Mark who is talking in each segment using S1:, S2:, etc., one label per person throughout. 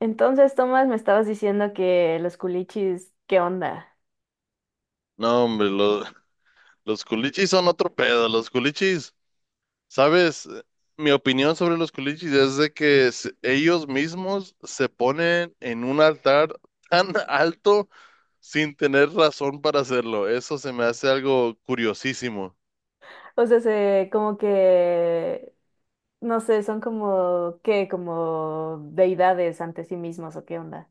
S1: Entonces, Tomás, me estabas diciendo que los culichis, ¿qué onda?
S2: No, hombre, los culichis son otro pedo. Los culichis, ¿sabes? Mi opinión sobre los culichis es de que ellos mismos se ponen en un altar tan alto sin tener razón para hacerlo. Eso se me hace algo curiosísimo.
S1: O sea, como que, no sé, son como, ¿qué? Como deidades ante sí mismos, ¿o qué onda?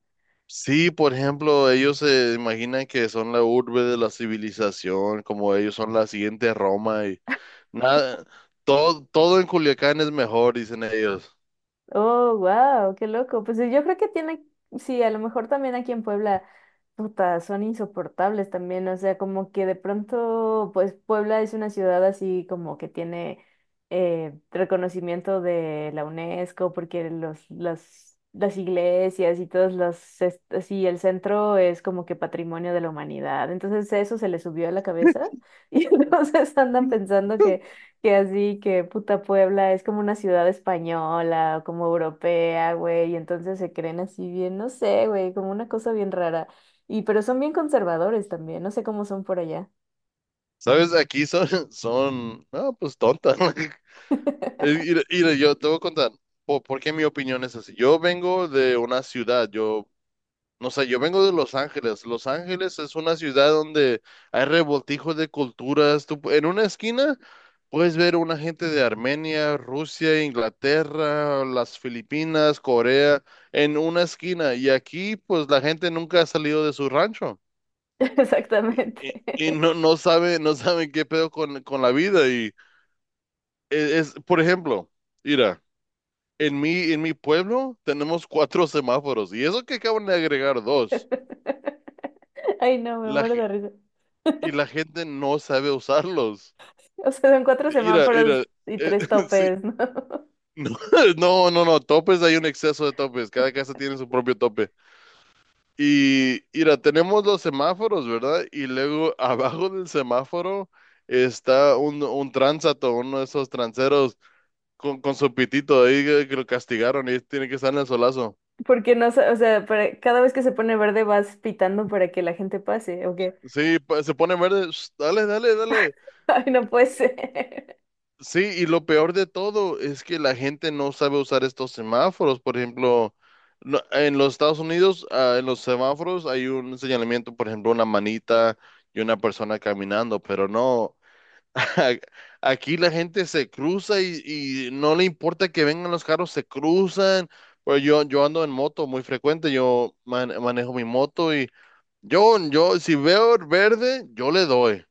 S2: Sí, por ejemplo, ellos se imaginan que son la urbe de la civilización, como ellos son la siguiente Roma y nada, todo en Culiacán es mejor, dicen ellos.
S1: Oh, wow, qué loco. Pues yo creo que tiene, sí, a lo mejor también aquí en Puebla, puta, son insoportables también. O sea, como que de pronto, pues Puebla es una ciudad así como que tiene reconocimiento de la UNESCO, porque las iglesias y así, el centro es como que patrimonio de la humanidad. Entonces eso se le subió a la cabeza y entonces andan pensando que así, que puta Puebla es como una ciudad española o como europea, güey, y entonces se creen así bien, no sé, güey, como una cosa bien rara. Y pero son bien conservadores también, no sé cómo son por allá.
S2: ¿Sabes? Aquí son, son, no, pues tontas. Y yo te voy a contar por qué mi opinión es así. Yo vengo de una ciudad, no sé, yo vengo de Los Ángeles. Los Ángeles es una ciudad donde hay revoltijos de culturas. En una esquina puedes ver una gente de Armenia, Rusia, Inglaterra, las Filipinas, Corea, en una esquina. Y aquí, pues la gente nunca ha salido de su rancho. Y,
S1: Exactamente.
S2: y- y no, no sabe, no saben qué pedo con la vida. Por ejemplo, mira, en mi pueblo tenemos cuatro semáforos y eso que acaban de agregar dos.
S1: Ay, no, me
S2: La,
S1: muero
S2: ge-
S1: de risa.
S2: y la gente no sabe usarlos.
S1: O sea, son cuatro
S2: Mira,
S1: semáforos
S2: mira,
S1: y
S2: eh,
S1: tres
S2: sí.
S1: topes, ¿no?
S2: No, no, no, no, topes, hay un exceso de topes, cada casa tiene su propio tope. Y mira, tenemos los semáforos, ¿verdad? Y luego abajo del semáforo está uno de esos transeros con su pitito ahí que lo castigaron y tiene que estar en el solazo.
S1: Porque no, sa- o sea, para- cada vez que se pone verde vas pitando para que la gente pase, ¿o qué?
S2: Sí, se pone verde, sh, dale, dale, dale.
S1: Ay, no puede ser.
S2: Sí, y lo peor de todo es que la gente no sabe usar estos semáforos. Por ejemplo, en los Estados Unidos, en los semáforos hay un señalamiento, por ejemplo, una manita y una persona caminando, pero no. Aquí la gente se cruza y no le importa que vengan los carros, se cruzan. Pues yo ando en moto muy frecuente, yo manejo mi moto y yo, si veo verde, yo le doy.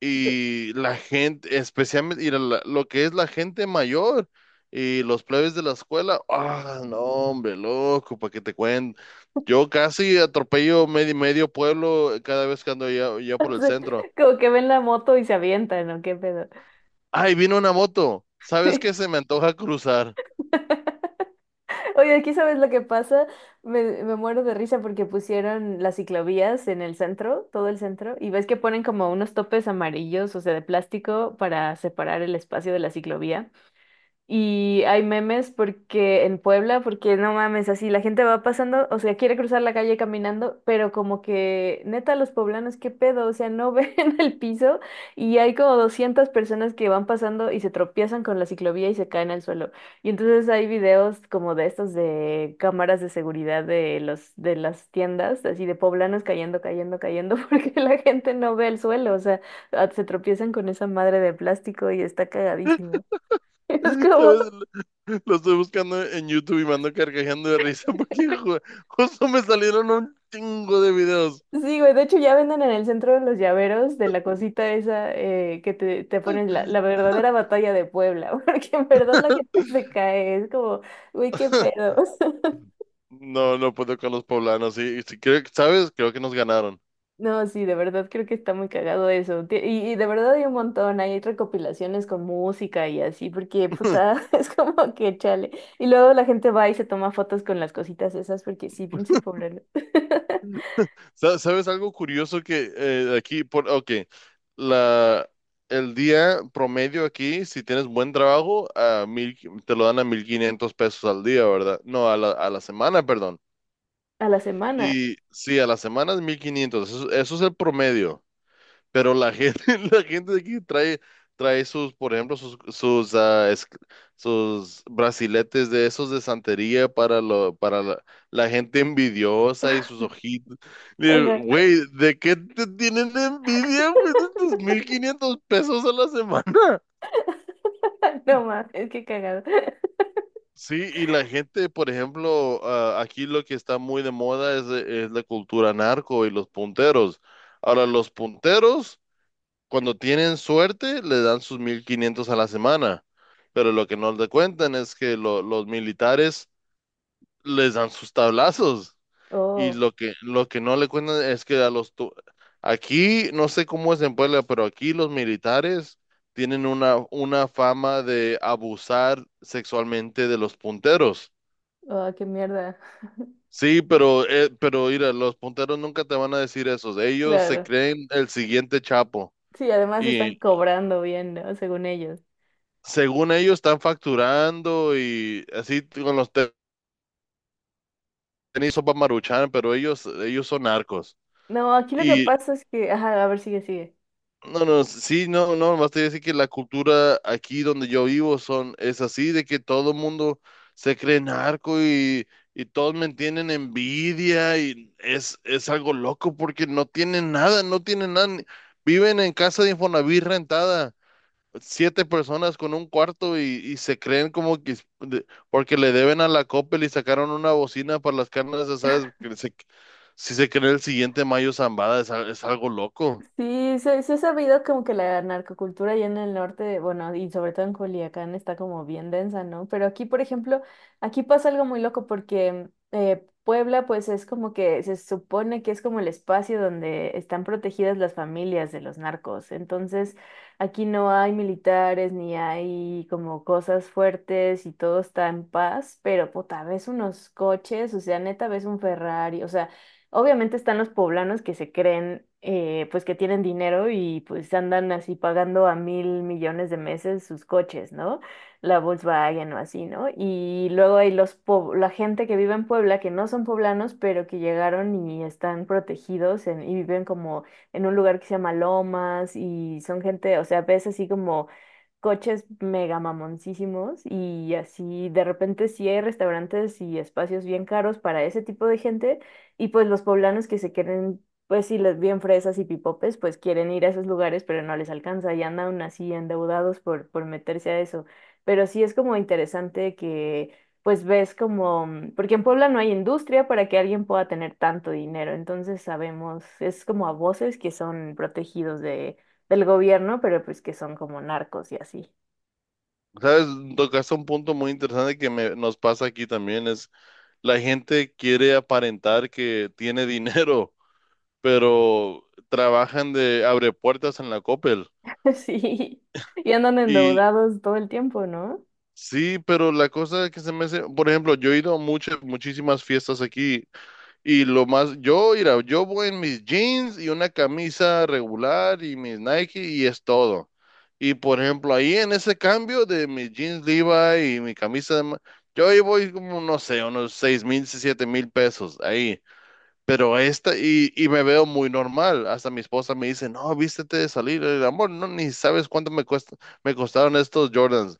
S2: Y la gente, especialmente, lo que es la gente mayor y los plebes de la escuela, no, hombre, loco, para que te cuento. Yo casi atropello medio pueblo cada vez que ando allá, allá
S1: O
S2: por el
S1: sea,
S2: centro.
S1: como que ven la moto y se avientan, ¿o qué pedo?
S2: Ay, vino una moto. ¿Sabes qué? Se me antoja cruzar.
S1: Oye, aquí sabes lo que pasa, me muero de risa porque pusieron las ciclovías en el centro, todo el centro, y ves que ponen como unos topes amarillos, o sea, de plástico para separar el espacio de la ciclovía. Y hay memes porque en Puebla, porque no mames, así la gente va pasando, o sea, quiere cruzar la calle caminando, pero como que neta los poblanos, qué pedo, o sea, no ven el piso y hay como 200 personas que van pasando y se tropiezan con la ciclovía y se caen al suelo. Y entonces hay videos como de estos de cámaras de seguridad de los de las tiendas, así de poblanos cayendo, cayendo, cayendo porque la gente no ve el suelo, o sea, ah, se tropiezan con esa madre de plástico y está cagadísimo. Es como,
S2: ¿Sabes? Lo estoy buscando en YouTube y me ando carcajando de risa porque justo me salieron un chingo de videos.
S1: sí, güey, de hecho ya venden en el centro de los llaveros de la cosita esa que te ponen la verdadera batalla de Puebla, porque en verdad la gente se cae, es como, güey, qué pedos.
S2: No, no puedo con los poblanos. Y si creo, ¿sabes? Creo que nos ganaron.
S1: No, sí, de verdad creo que está muy cagado eso. Y de verdad hay un montón, hay recopilaciones con música y así, porque puta, es como que chale. Y luego la gente va y se toma fotos con las cositas esas, porque sí, pinches pobres.
S2: ¿Sabes algo curioso que aquí, por, ok, la, el día promedio aquí, si tienes buen trabajo, te lo dan a 1,500 pesos al día, ¿verdad? No, a la semana, perdón.
S1: A la semana.
S2: Y sí, a la semana es 1,500. Eso es el promedio. Pero la gente, la gente de aquí trae por ejemplo, sus brasiletes de esos de santería para, para la gente envidiosa y sus ojitos. Digo,
S1: Ajá.
S2: güey, ¿de qué te tienen envidia, güey? De tus 1,500 pesos a la semana.
S1: No más, es que cagado.
S2: Sí, y la gente, por ejemplo, aquí lo que está muy de moda es la cultura narco y los punteros. Ahora, los punteros, cuando tienen suerte, le dan sus 1,500 a la semana. Pero lo que no le cuentan es que los militares les dan sus tablazos. Y
S1: Oh.
S2: lo que no le cuentan es que aquí, no sé cómo es en Puebla, pero aquí los militares tienen una fama de abusar sexualmente de los punteros.
S1: Ah, qué mierda.
S2: Sí, pero mira, los punteros nunca te van a decir eso. Ellos se
S1: Claro.
S2: creen el siguiente Chapo.
S1: Sí, además están cobrando bien, ¿no? Según ellos.
S2: Según ellos están facturando y así con los tenis sopa maruchan, pero ellos son narcos.
S1: No, aquí lo que
S2: Y
S1: pasa es que, ajá, a ver, sigue, sigue.
S2: no, no, sí, no, no, más te voy decir que la cultura aquí donde yo vivo son, es así, de que todo el mundo se cree narco y todos me tienen envidia y es algo loco porque no tienen nada, no tienen nada, viven en casa de Infonavit rentada siete personas con un cuarto y se creen como que porque le deben a la Coppel y sacaron una bocina para las carnes asadas, que si se cree el siguiente Mayo Zambada es algo loco.
S1: Sí, se ha sabido como que la narcocultura allá en el norte, bueno, y sobre todo en Culiacán está como bien densa, ¿no? Pero aquí, por ejemplo, aquí pasa algo muy loco porque Puebla, pues es como que se supone que es como el espacio donde están protegidas las familias de los narcos. Entonces, aquí no hay militares ni hay como cosas fuertes y todo está en paz, pero puta, ves unos coches, o sea, neta, ves un Ferrari, o sea. Obviamente están los poblanos que se creen, pues que tienen dinero y pues andan así pagando a 1.000.000.000 de meses sus coches, ¿no? La Volkswagen o así, ¿no? Y luego hay la gente que vive en Puebla que no son poblanos, pero que llegaron y están protegidos y viven como en un lugar que se llama Lomas y son gente, o sea, ves así como coches mega mamoncísimos y así de repente sí hay restaurantes y espacios bien caros para ese tipo de gente y pues los poblanos que se quieren, pues sí, les bien fresas y pipopes, pues quieren ir a esos lugares, pero no les alcanza y andan aún así endeudados por meterse a eso. Pero sí es como interesante que pues ves como, mm, porque en Puebla no hay industria para que alguien pueda tener tanto dinero, entonces sabemos, es como a voces que son protegidos del gobierno, pero pues que son como narcos y así.
S2: ¿Sabes? Tocaste un punto muy interesante que nos pasa aquí también, es la gente quiere aparentar que tiene dinero, pero trabajan de abre puertas en la Coppel.
S1: Sí, y andan
S2: Y
S1: endeudados todo el tiempo, ¿no?
S2: sí, pero la cosa que se me hace, por ejemplo, yo he ido a muchas, muchísimas fiestas aquí. Y lo más, mira, yo voy en mis jeans y una camisa regular y mis Nike y es todo. Y por ejemplo, ahí en ese cambio de mis jeans Levi y mi camisa, yo ahí voy como, no sé, unos 6,000, 7,000 pesos ahí. Pero esta, y me veo muy normal. Hasta mi esposa me dice, no, vístete de salir. El amor, no, ni sabes cuánto me cuesta, me costaron estos Jordans.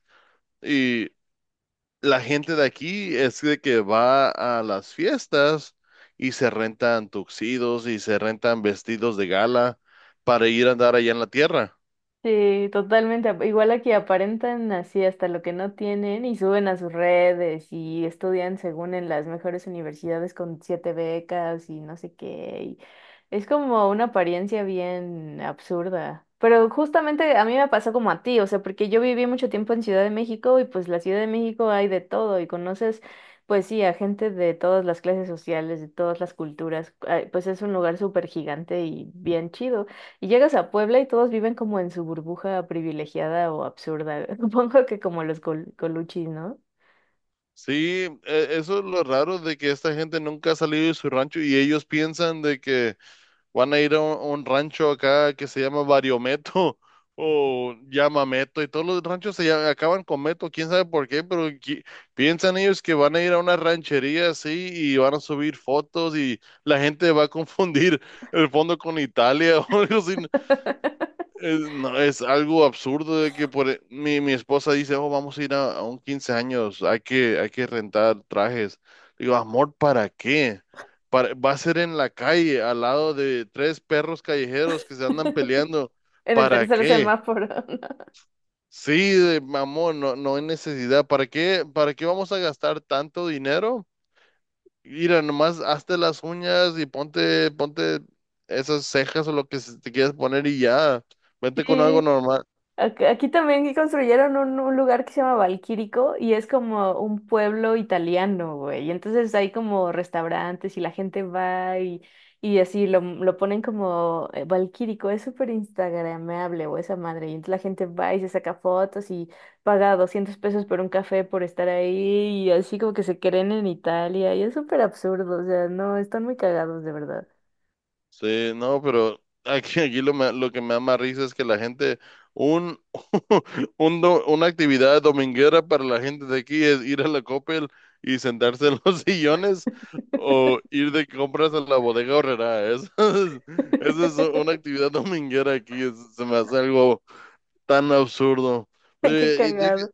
S2: La gente de aquí es de que va a las fiestas y se rentan tuxidos y se rentan vestidos de gala para ir a andar allá en la tierra.
S1: Sí, totalmente. Igual aquí aparentan así hasta lo que no tienen y suben a sus redes y estudian según en las mejores universidades con siete becas y no sé qué. Y es como una apariencia bien absurda. Pero justamente a mí me pasó como a ti, o sea, porque yo viví mucho tiempo en Ciudad de México y pues la Ciudad de México hay de todo y conoces, pues sí, a gente de todas las clases sociales, de todas las culturas. Ah, pues es un lugar súper gigante y bien chido. Y llegas a Puebla y todos viven como en su burbuja privilegiada o absurda. Supongo que como los coluchis, ¿no?
S2: Sí, eso es lo raro de que esta gente nunca ha salido de su rancho y ellos piensan de que van a ir a a un rancho acá que se llama Variometo o llamameto y todos los ranchos acaban con Meto, quién sabe por qué, pero piensan ellos que van a ir a una ranchería así y van a subir fotos y la gente va a confundir el fondo con Italia o algo así. No, es algo absurdo de que mi esposa dice, oh, vamos a ir a un 15 años, hay que rentar trajes. Digo, amor, ¿para qué? Va a ser en la calle, al lado de tres perros callejeros que se andan peleando.
S1: En el
S2: ¿Para
S1: tercer
S2: qué?
S1: semáforo, ¿no?
S2: Sí, amor, no, no hay necesidad. ¿Para qué vamos a gastar tanto dinero? Mira, nomás hazte las uñas y ponte esas cejas o lo que se te quieras poner y ya. Vente con algo.
S1: Sí, aquí también construyeron un lugar que se llama Valquírico y es como un pueblo italiano, güey. Y entonces hay como restaurantes y la gente va y así lo ponen como Valquírico. Es súper instagrameable o esa madre. Y entonces la gente va y se saca fotos y paga 200 pesos por un café por estar ahí y así como que se creen en Italia. Y es súper absurdo, o sea, no, están muy cagados de verdad.
S2: Sí, no, pero aquí, lo que me da más risa es que la gente, un, una actividad dominguera para la gente de aquí es ir a la Coppel y sentarse en los sillones o ir de compras a la bodega Aurrerá. Eso es, es una actividad dominguera aquí, se me hace algo tan absurdo. Pero,
S1: Qué cagado.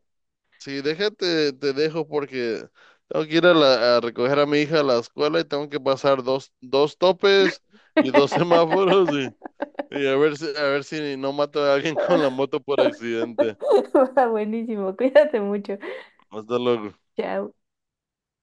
S2: sí, déjate, te dejo porque tengo que ir a recoger a mi hija a la escuela y tengo que pasar dos topes y dos semáforos y, y a ver si no mato a alguien con la moto por accidente.
S1: Va, buenísimo, cuídate mucho.
S2: Hasta luego.
S1: Chao.